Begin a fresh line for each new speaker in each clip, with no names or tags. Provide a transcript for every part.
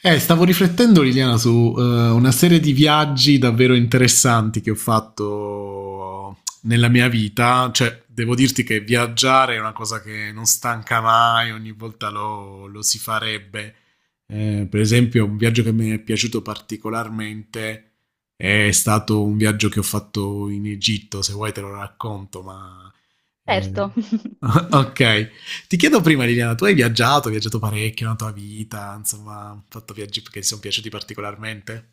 Stavo riflettendo, Liliana, su una serie di viaggi davvero interessanti che ho fatto nella mia vita. Cioè, devo dirti che viaggiare è una cosa che non stanca mai, ogni volta lo si farebbe. Per esempio, un viaggio che mi è piaciuto particolarmente è stato un viaggio che ho fatto in Egitto. Se vuoi te lo racconto, ma... eh,
Certo.
ok, ti chiedo prima Liliana, tu hai viaggiato parecchio nella tua vita, insomma, hai fatto viaggi che ti sono piaciuti particolarmente?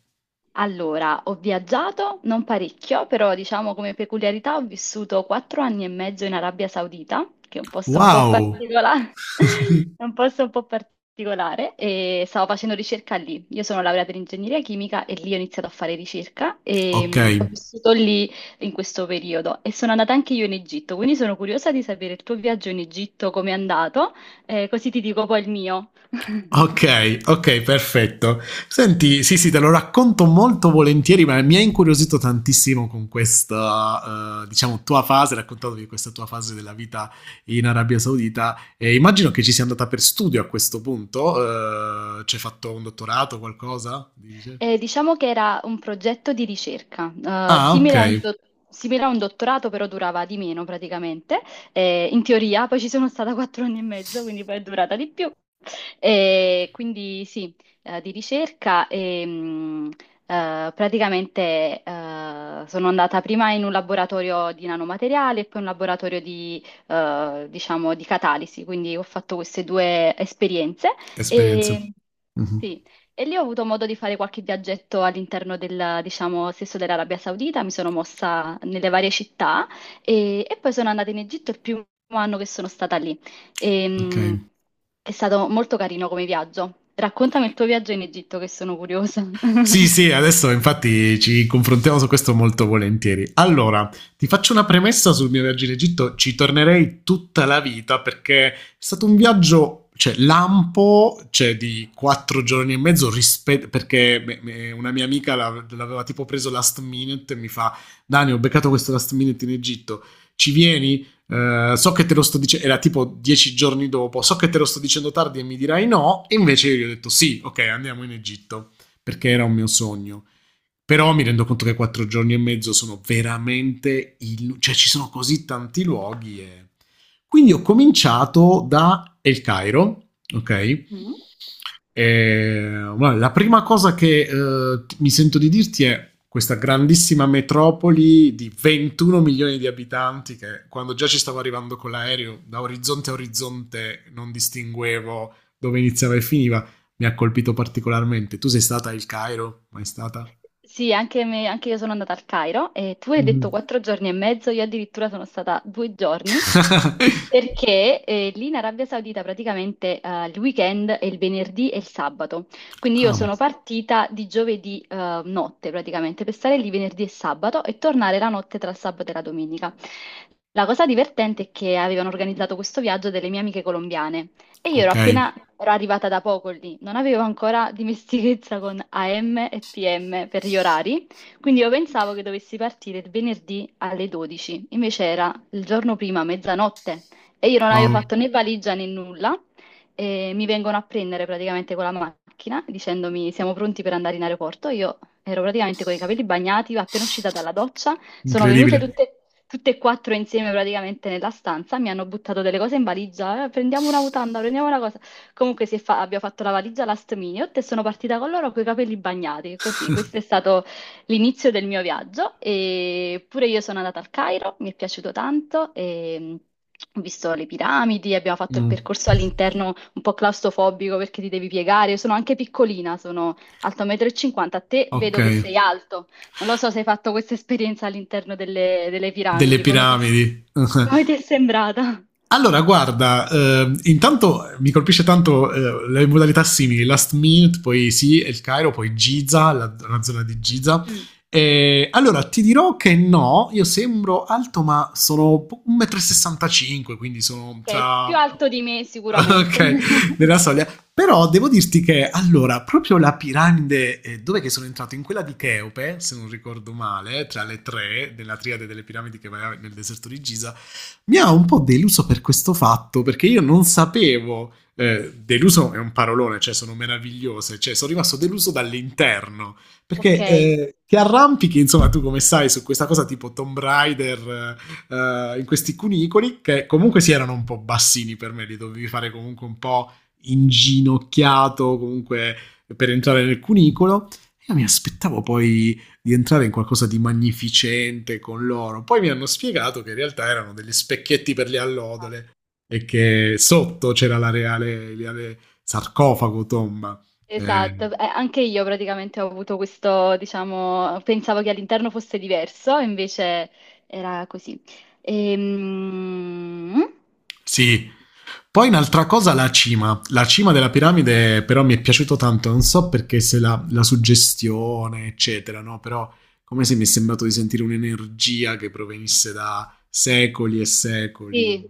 Allora, ho viaggiato, non parecchio, però diciamo come peculiarità ho vissuto 4 anni e mezzo in Arabia Saudita, che è un posto un po'
Wow!
particolare, è un posto un po' particolare, e stavo facendo ricerca lì. Io sono laureata in ingegneria chimica e lì ho iniziato a fare ricerca e
Ok,
ho vissuto lì in questo periodo e sono andata anche io in Egitto, quindi sono curiosa di sapere il tuo viaggio in Egitto, come è andato, così ti dico poi il mio.
ok, ok, perfetto. Senti, sì, sì, te lo racconto molto volentieri, ma mi ha incuriosito tantissimo con questa, diciamo, tua fase, raccontandomi questa tua fase della vita in Arabia Saudita. E immagino che ci sia andata per studio a questo punto, ci hai fatto un dottorato o qualcosa? Dice?
Diciamo che era un progetto di ricerca, eh,
Ah, ok,
simile a un, do- simile a un dottorato, però durava di meno praticamente. In teoria, poi ci sono stata 4 anni e mezzo, quindi poi è durata di più. Quindi sì, di ricerca e praticamente sono andata prima in un laboratorio di nanomateriali e poi in un laboratorio di, diciamo, di catalisi, quindi ho fatto queste due esperienze.
esperienze.
E
Mhm.
sì, e lì ho avuto modo di fare qualche viaggetto all'interno del, diciamo, stesso dell'Arabia Saudita, mi sono mossa nelle varie città e poi sono andata in Egitto il primo anno che sono stata lì.
Ok.
Ehm, è stato molto carino come viaggio. Raccontami il tuo viaggio in Egitto, che sono curiosa.
Sì, sì, adesso infatti ci confrontiamo su questo molto volentieri. Allora, ti faccio una premessa sul mio viaggio in Egitto, ci tornerei tutta la vita perché è stato un viaggio, cioè lampo, cioè di 4 giorni e mezzo, perché una mia amica l'aveva tipo preso last minute e mi fa, Dani, ho beccato questo last minute in Egitto, ci vieni? So che te lo sto dicendo, era tipo 10 giorni dopo, so che te lo sto dicendo tardi e mi dirai no, e invece io gli ho detto sì, ok, andiamo in Egitto perché era un mio sogno. Però mi rendo conto che 4 giorni e mezzo sono veramente... cioè ci sono così tanti luoghi e... quindi ho cominciato da El Cairo, ok?
Mm.
E bueno, la prima cosa che mi sento di dirti è questa grandissima metropoli di 21 milioni di abitanti che quando già ci stavo arrivando con l'aereo da orizzonte a orizzonte non distinguevo dove iniziava e finiva mi ha colpito particolarmente. Tu sei stata al Cairo? Mai stata?
Sì, anche, anche io sono andata al Cairo e tu hai detto
Mm.
4 giorni e mezzo, io addirittura sono stata 2 giorni perché lì in Arabia Saudita praticamente il weekend è il venerdì e il sabato, quindi io
Ah,
sono partita di giovedì notte praticamente per stare lì venerdì e sabato e tornare la notte tra il sabato e la domenica. La cosa divertente è che avevano organizzato questo viaggio delle mie amiche colombiane. E io
ok.
ero arrivata da poco lì, non avevo ancora dimestichezza con AM e PM per gli orari, quindi io pensavo che dovessi partire il venerdì alle 12, invece era il giorno prima, mezzanotte, e io non avevo
Wow,
fatto né valigia né nulla, e mi vengono a prendere praticamente con la macchina dicendomi siamo pronti per andare in aeroporto, io ero praticamente con i capelli bagnati, appena uscita dalla doccia, sono venute
incredibile.
tutte e quattro insieme praticamente nella stanza, mi hanno buttato delle cose in valigia, prendiamo una mutanda, prendiamo una cosa. Comunque abbiamo fatto la valigia last minute e sono partita con loro con i capelli bagnati, così. Questo è stato l'inizio del mio viaggio e pure io sono andata al Cairo, mi è piaciuto tanto e ho visto le piramidi, abbiamo fatto il
Mm,
percorso all'interno un po' claustrofobico perché ti devi piegare. Io sono anche piccolina, sono alto 1,50 m. A te
ok,
vedo che sei alto. Non lo so se hai fatto questa esperienza all'interno delle, delle
delle
piramidi,
piramidi.
come ti è sembrata?
Allora, guarda, intanto mi colpisce tanto le modalità simili, last minute, poi sì, El Cairo, poi Giza, la zona di Giza.
Mm.
Allora, ti dirò che no, io sembro alto, ma sono 1,65 m, quindi sono
Ok, più
tra
alto di me sicuramente.
ok, nella soglia. Però devo dirti che allora, proprio la piramide, dove che sono entrato? In quella di Cheope, se non ricordo male, tra le tre della triade delle piramidi che va nel deserto di Giza, mi ha un po' deluso per questo fatto, perché io non sapevo. Deluso è un parolone, cioè sono meravigliose, cioè sono rimasto deluso dall'interno,
Ok,
perché
sì,
ti arrampichi, insomma, tu come sai, su questa cosa tipo Tomb Raider, in questi cunicoli, che comunque si erano un po' bassini per me, li dovevi fare comunque un po' inginocchiato, comunque per entrare nel cunicolo. Io mi aspettavo poi di entrare in qualcosa di magnificente con loro. Poi mi hanno spiegato che in realtà erano degli specchietti per le allodole e che sotto c'era la reale, reale sarcofago tomba.
esatto.
Eh,
Esatto. Anche io praticamente ho avuto questo, diciamo, pensavo che all'interno fosse diverso, invece era così. Ehm,
sì. Poi un'altra cosa, la cima. La cima della piramide però mi è piaciuto tanto, non so perché, se la, suggestione, eccetera, no? Però come se mi è sembrato di sentire un'energia che provenisse da secoli e secoli.
Sì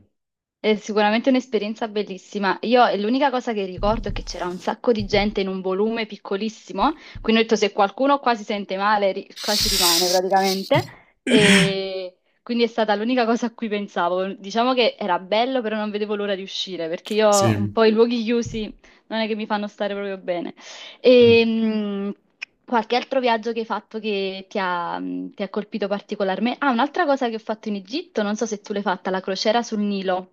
è sicuramente un'esperienza bellissima. Io e l'unica cosa che ricordo è che c'era un sacco di gente in un volume piccolissimo, quindi ho detto se qualcuno qua si sente male, qua ci rimane praticamente. E quindi è stata l'unica cosa a cui pensavo. Diciamo che era bello, però non vedevo l'ora di uscire, perché io un
Sì,
po' i luoghi chiusi non è che mi fanno stare proprio bene. E qualche altro viaggio che hai fatto che ti ha colpito particolarmente? Ah, un'altra cosa che ho fatto in Egitto, non so se tu l'hai fatta, la crociera sul Nilo.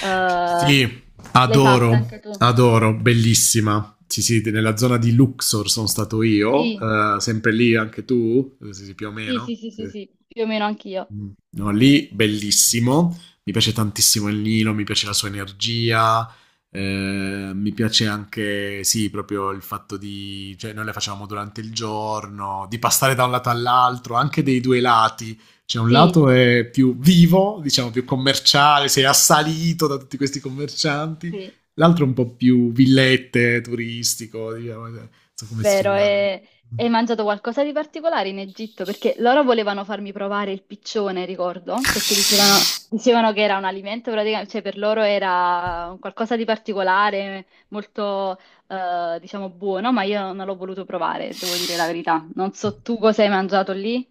Eh,
sì,
L'hai fatta
adoro,
anche tu?
adoro, bellissima. Sì, sì, nella zona di Luxor sono stato io,
Sì,
sempre lì anche tu, sì, sì, più o
sì,
meno.
sì, sì,
Sì.
sì, sì, più o meno anch'io.
Mm. No, lì bellissimo, mi piace tantissimo il Nilo, mi piace la sua energia, mi piace anche, sì, proprio il fatto di, cioè noi le facevamo durante il giorno, di passare da un lato all'altro, anche dei due lati, cioè un lato
Sì,
è più vivo, diciamo più commerciale, sei assalito da tutti questi commercianti,
sì.
l'altro è un po' più villette, turistico, diciamo, non so come
Vero,
spiegarlo.
e hai mangiato qualcosa di particolare in Egitto? Perché loro volevano farmi provare il piccione, ricordo, perché dicevano, dicevano che era un alimento praticamente, cioè per loro era un qualcosa di particolare, molto, diciamo, buono, ma io non l'ho voluto provare, devo dire la verità. Non so tu cosa hai mangiato lì.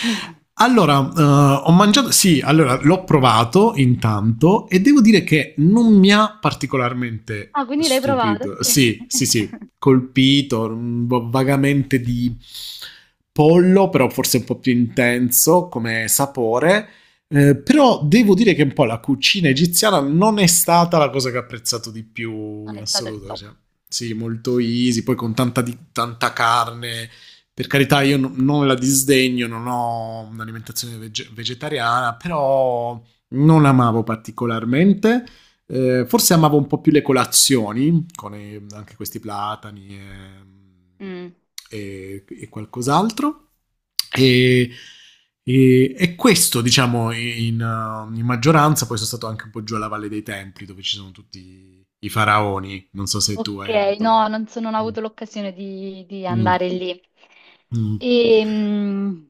Allora, ho mangiato, sì, allora l'ho provato intanto e devo dire che non mi ha particolarmente
Ah, quindi l'hai provato?
stupito.
Ok.
Sì, sì, sì, colpito, un po' vagamente di pollo, però forse un po' più intenso come sapore. Però devo dire che un po' la cucina egiziana non è stata la cosa che ho apprezzato di più
Non
in
è stato il
assoluto.
top.
Cioè, sì, molto easy, poi con tanta carne, per carità, io non la disdegno, non ho un'alimentazione vegetariana, però non amavo particolarmente. Forse amavo un po' più le colazioni, con anche questi platani e,
Mm.
e qualcos'altro. E, e questo, diciamo, in maggioranza, poi sono stato anche un po' giù alla Valle dei Templi, dove ci sono tutti i faraoni. Non so se tu
Ok,
hai avuto...
no, non, non ho avuto l'occasione di
Mm.
andare lì.
Mm.
E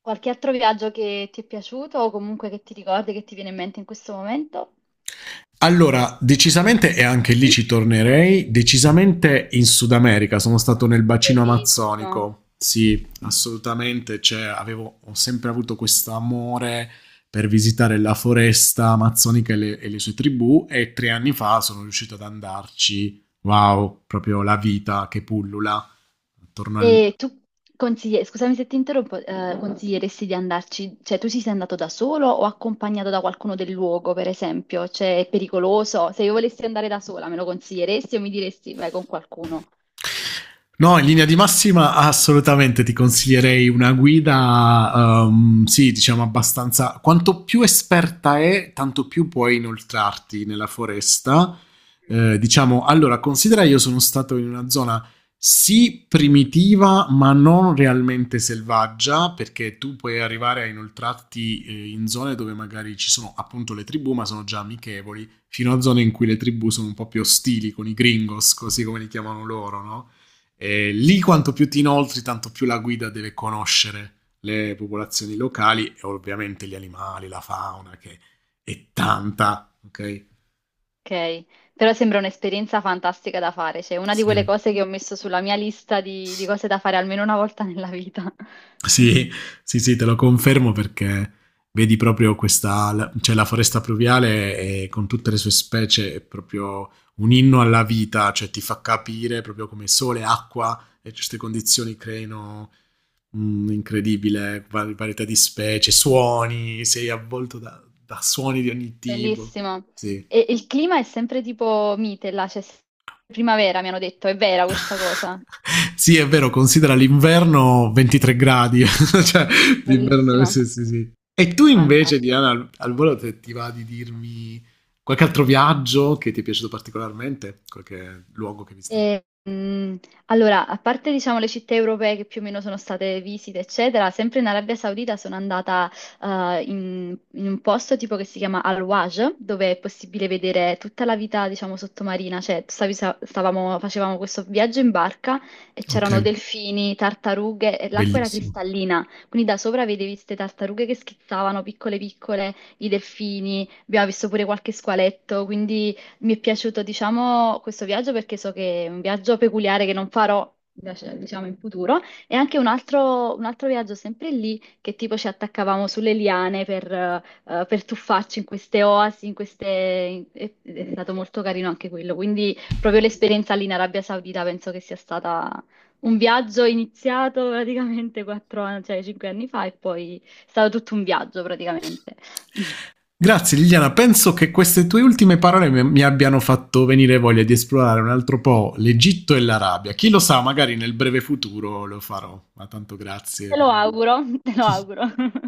qualche altro viaggio che ti è piaciuto o comunque che ti ricordi, che ti viene in mente in questo momento?
Allora, decisamente, e anche lì ci tornerei, decisamente in Sud America, sono stato nel bacino
Bellissimo.
amazzonico, sì, assolutamente, cioè, ho sempre avuto questo amore per visitare la foresta amazzonica e le sue tribù e 3 anni fa sono riuscito ad andarci, wow, proprio la vita che pullula attorno al,
E tu scusami se ti interrompo, consiglieresti di andarci, cioè tu ci sei andato da solo o accompagnato da qualcuno del luogo, per esempio? Cioè è pericoloso? Se io volessi andare da sola, me lo consiglieresti o mi diresti vai con qualcuno?
no, in linea di massima assolutamente ti consiglierei una guida, sì, diciamo abbastanza... quanto più esperta è, tanto più puoi inoltrarti nella foresta. Diciamo, allora, considera io sono stato in una zona sì primitiva, ma non realmente selvaggia, perché tu puoi arrivare a inoltrarti in zone dove magari ci sono appunto le tribù, ma sono già amichevoli fino a zone in cui le tribù sono un po' più ostili con i gringos, così come li chiamano loro, no? E lì quanto più ti inoltri, tanto più la guida deve conoscere le popolazioni locali e ovviamente gli animali, la fauna, che è tanta, ok?
Ok, però sembra un'esperienza fantastica da fare, cioè una di quelle
Sì.
cose che ho messo sulla mia lista di cose da fare almeno una volta nella vita.
Sì, sì, sì, te lo confermo perché vedi proprio questa, cioè la foresta pluviale con tutte le sue specie è proprio un inno alla vita, cioè ti fa capire proprio come sole, acqua e queste condizioni creino un'incredibile varietà di specie, suoni, sei avvolto da, suoni di ogni tipo.
Bellissimo.
Sì.
E il clima è sempre tipo mite là, c'è sempre primavera, mi hanno detto, è vera questa cosa.
Sì, è vero, considera l'inverno 23 gradi, cioè l'inverno
Bellissimo,
sì, sì, sì. E tu invece,
fantastico.
Diana, al volo ti va di dirmi qualche altro viaggio che ti è piaciuto particolarmente, qualche luogo che hai visto?
Mm, allora, a parte diciamo le città europee che più o meno sono state visite, eccetera, sempre in Arabia Saudita sono andata in un posto tipo che si chiama Al-Waj, dove è possibile vedere tutta la vita, diciamo, sottomarina, cioè facevamo questo viaggio in barca e
Ok,
c'erano delfini, tartarughe e l'acqua era
bellissimo.
cristallina, quindi da sopra vedevi queste tartarughe che schizzavano piccole piccole, i delfini, abbiamo visto pure qualche squaletto, quindi... Mi è piaciuto, diciamo, questo viaggio perché so che è un viaggio peculiare che non farò, diciamo, in futuro. E anche un altro viaggio sempre lì, che tipo ci attaccavamo sulle liane per tuffarci in queste oasi, in queste... in- È è stato molto carino anche quello. Quindi proprio l'esperienza lì in Arabia Saudita penso che sia stata un viaggio iniziato praticamente 4 anni, cioè 5 anni fa e poi è stato tutto un viaggio praticamente.
Grazie Liliana, penso che queste tue ultime parole mi abbiano fatto venire voglia di esplorare un altro po' l'Egitto e l'Arabia. Chi lo sa, magari nel breve futuro lo farò, ma tanto grazie
Te
per
lo
il momento.
auguro, te lo auguro.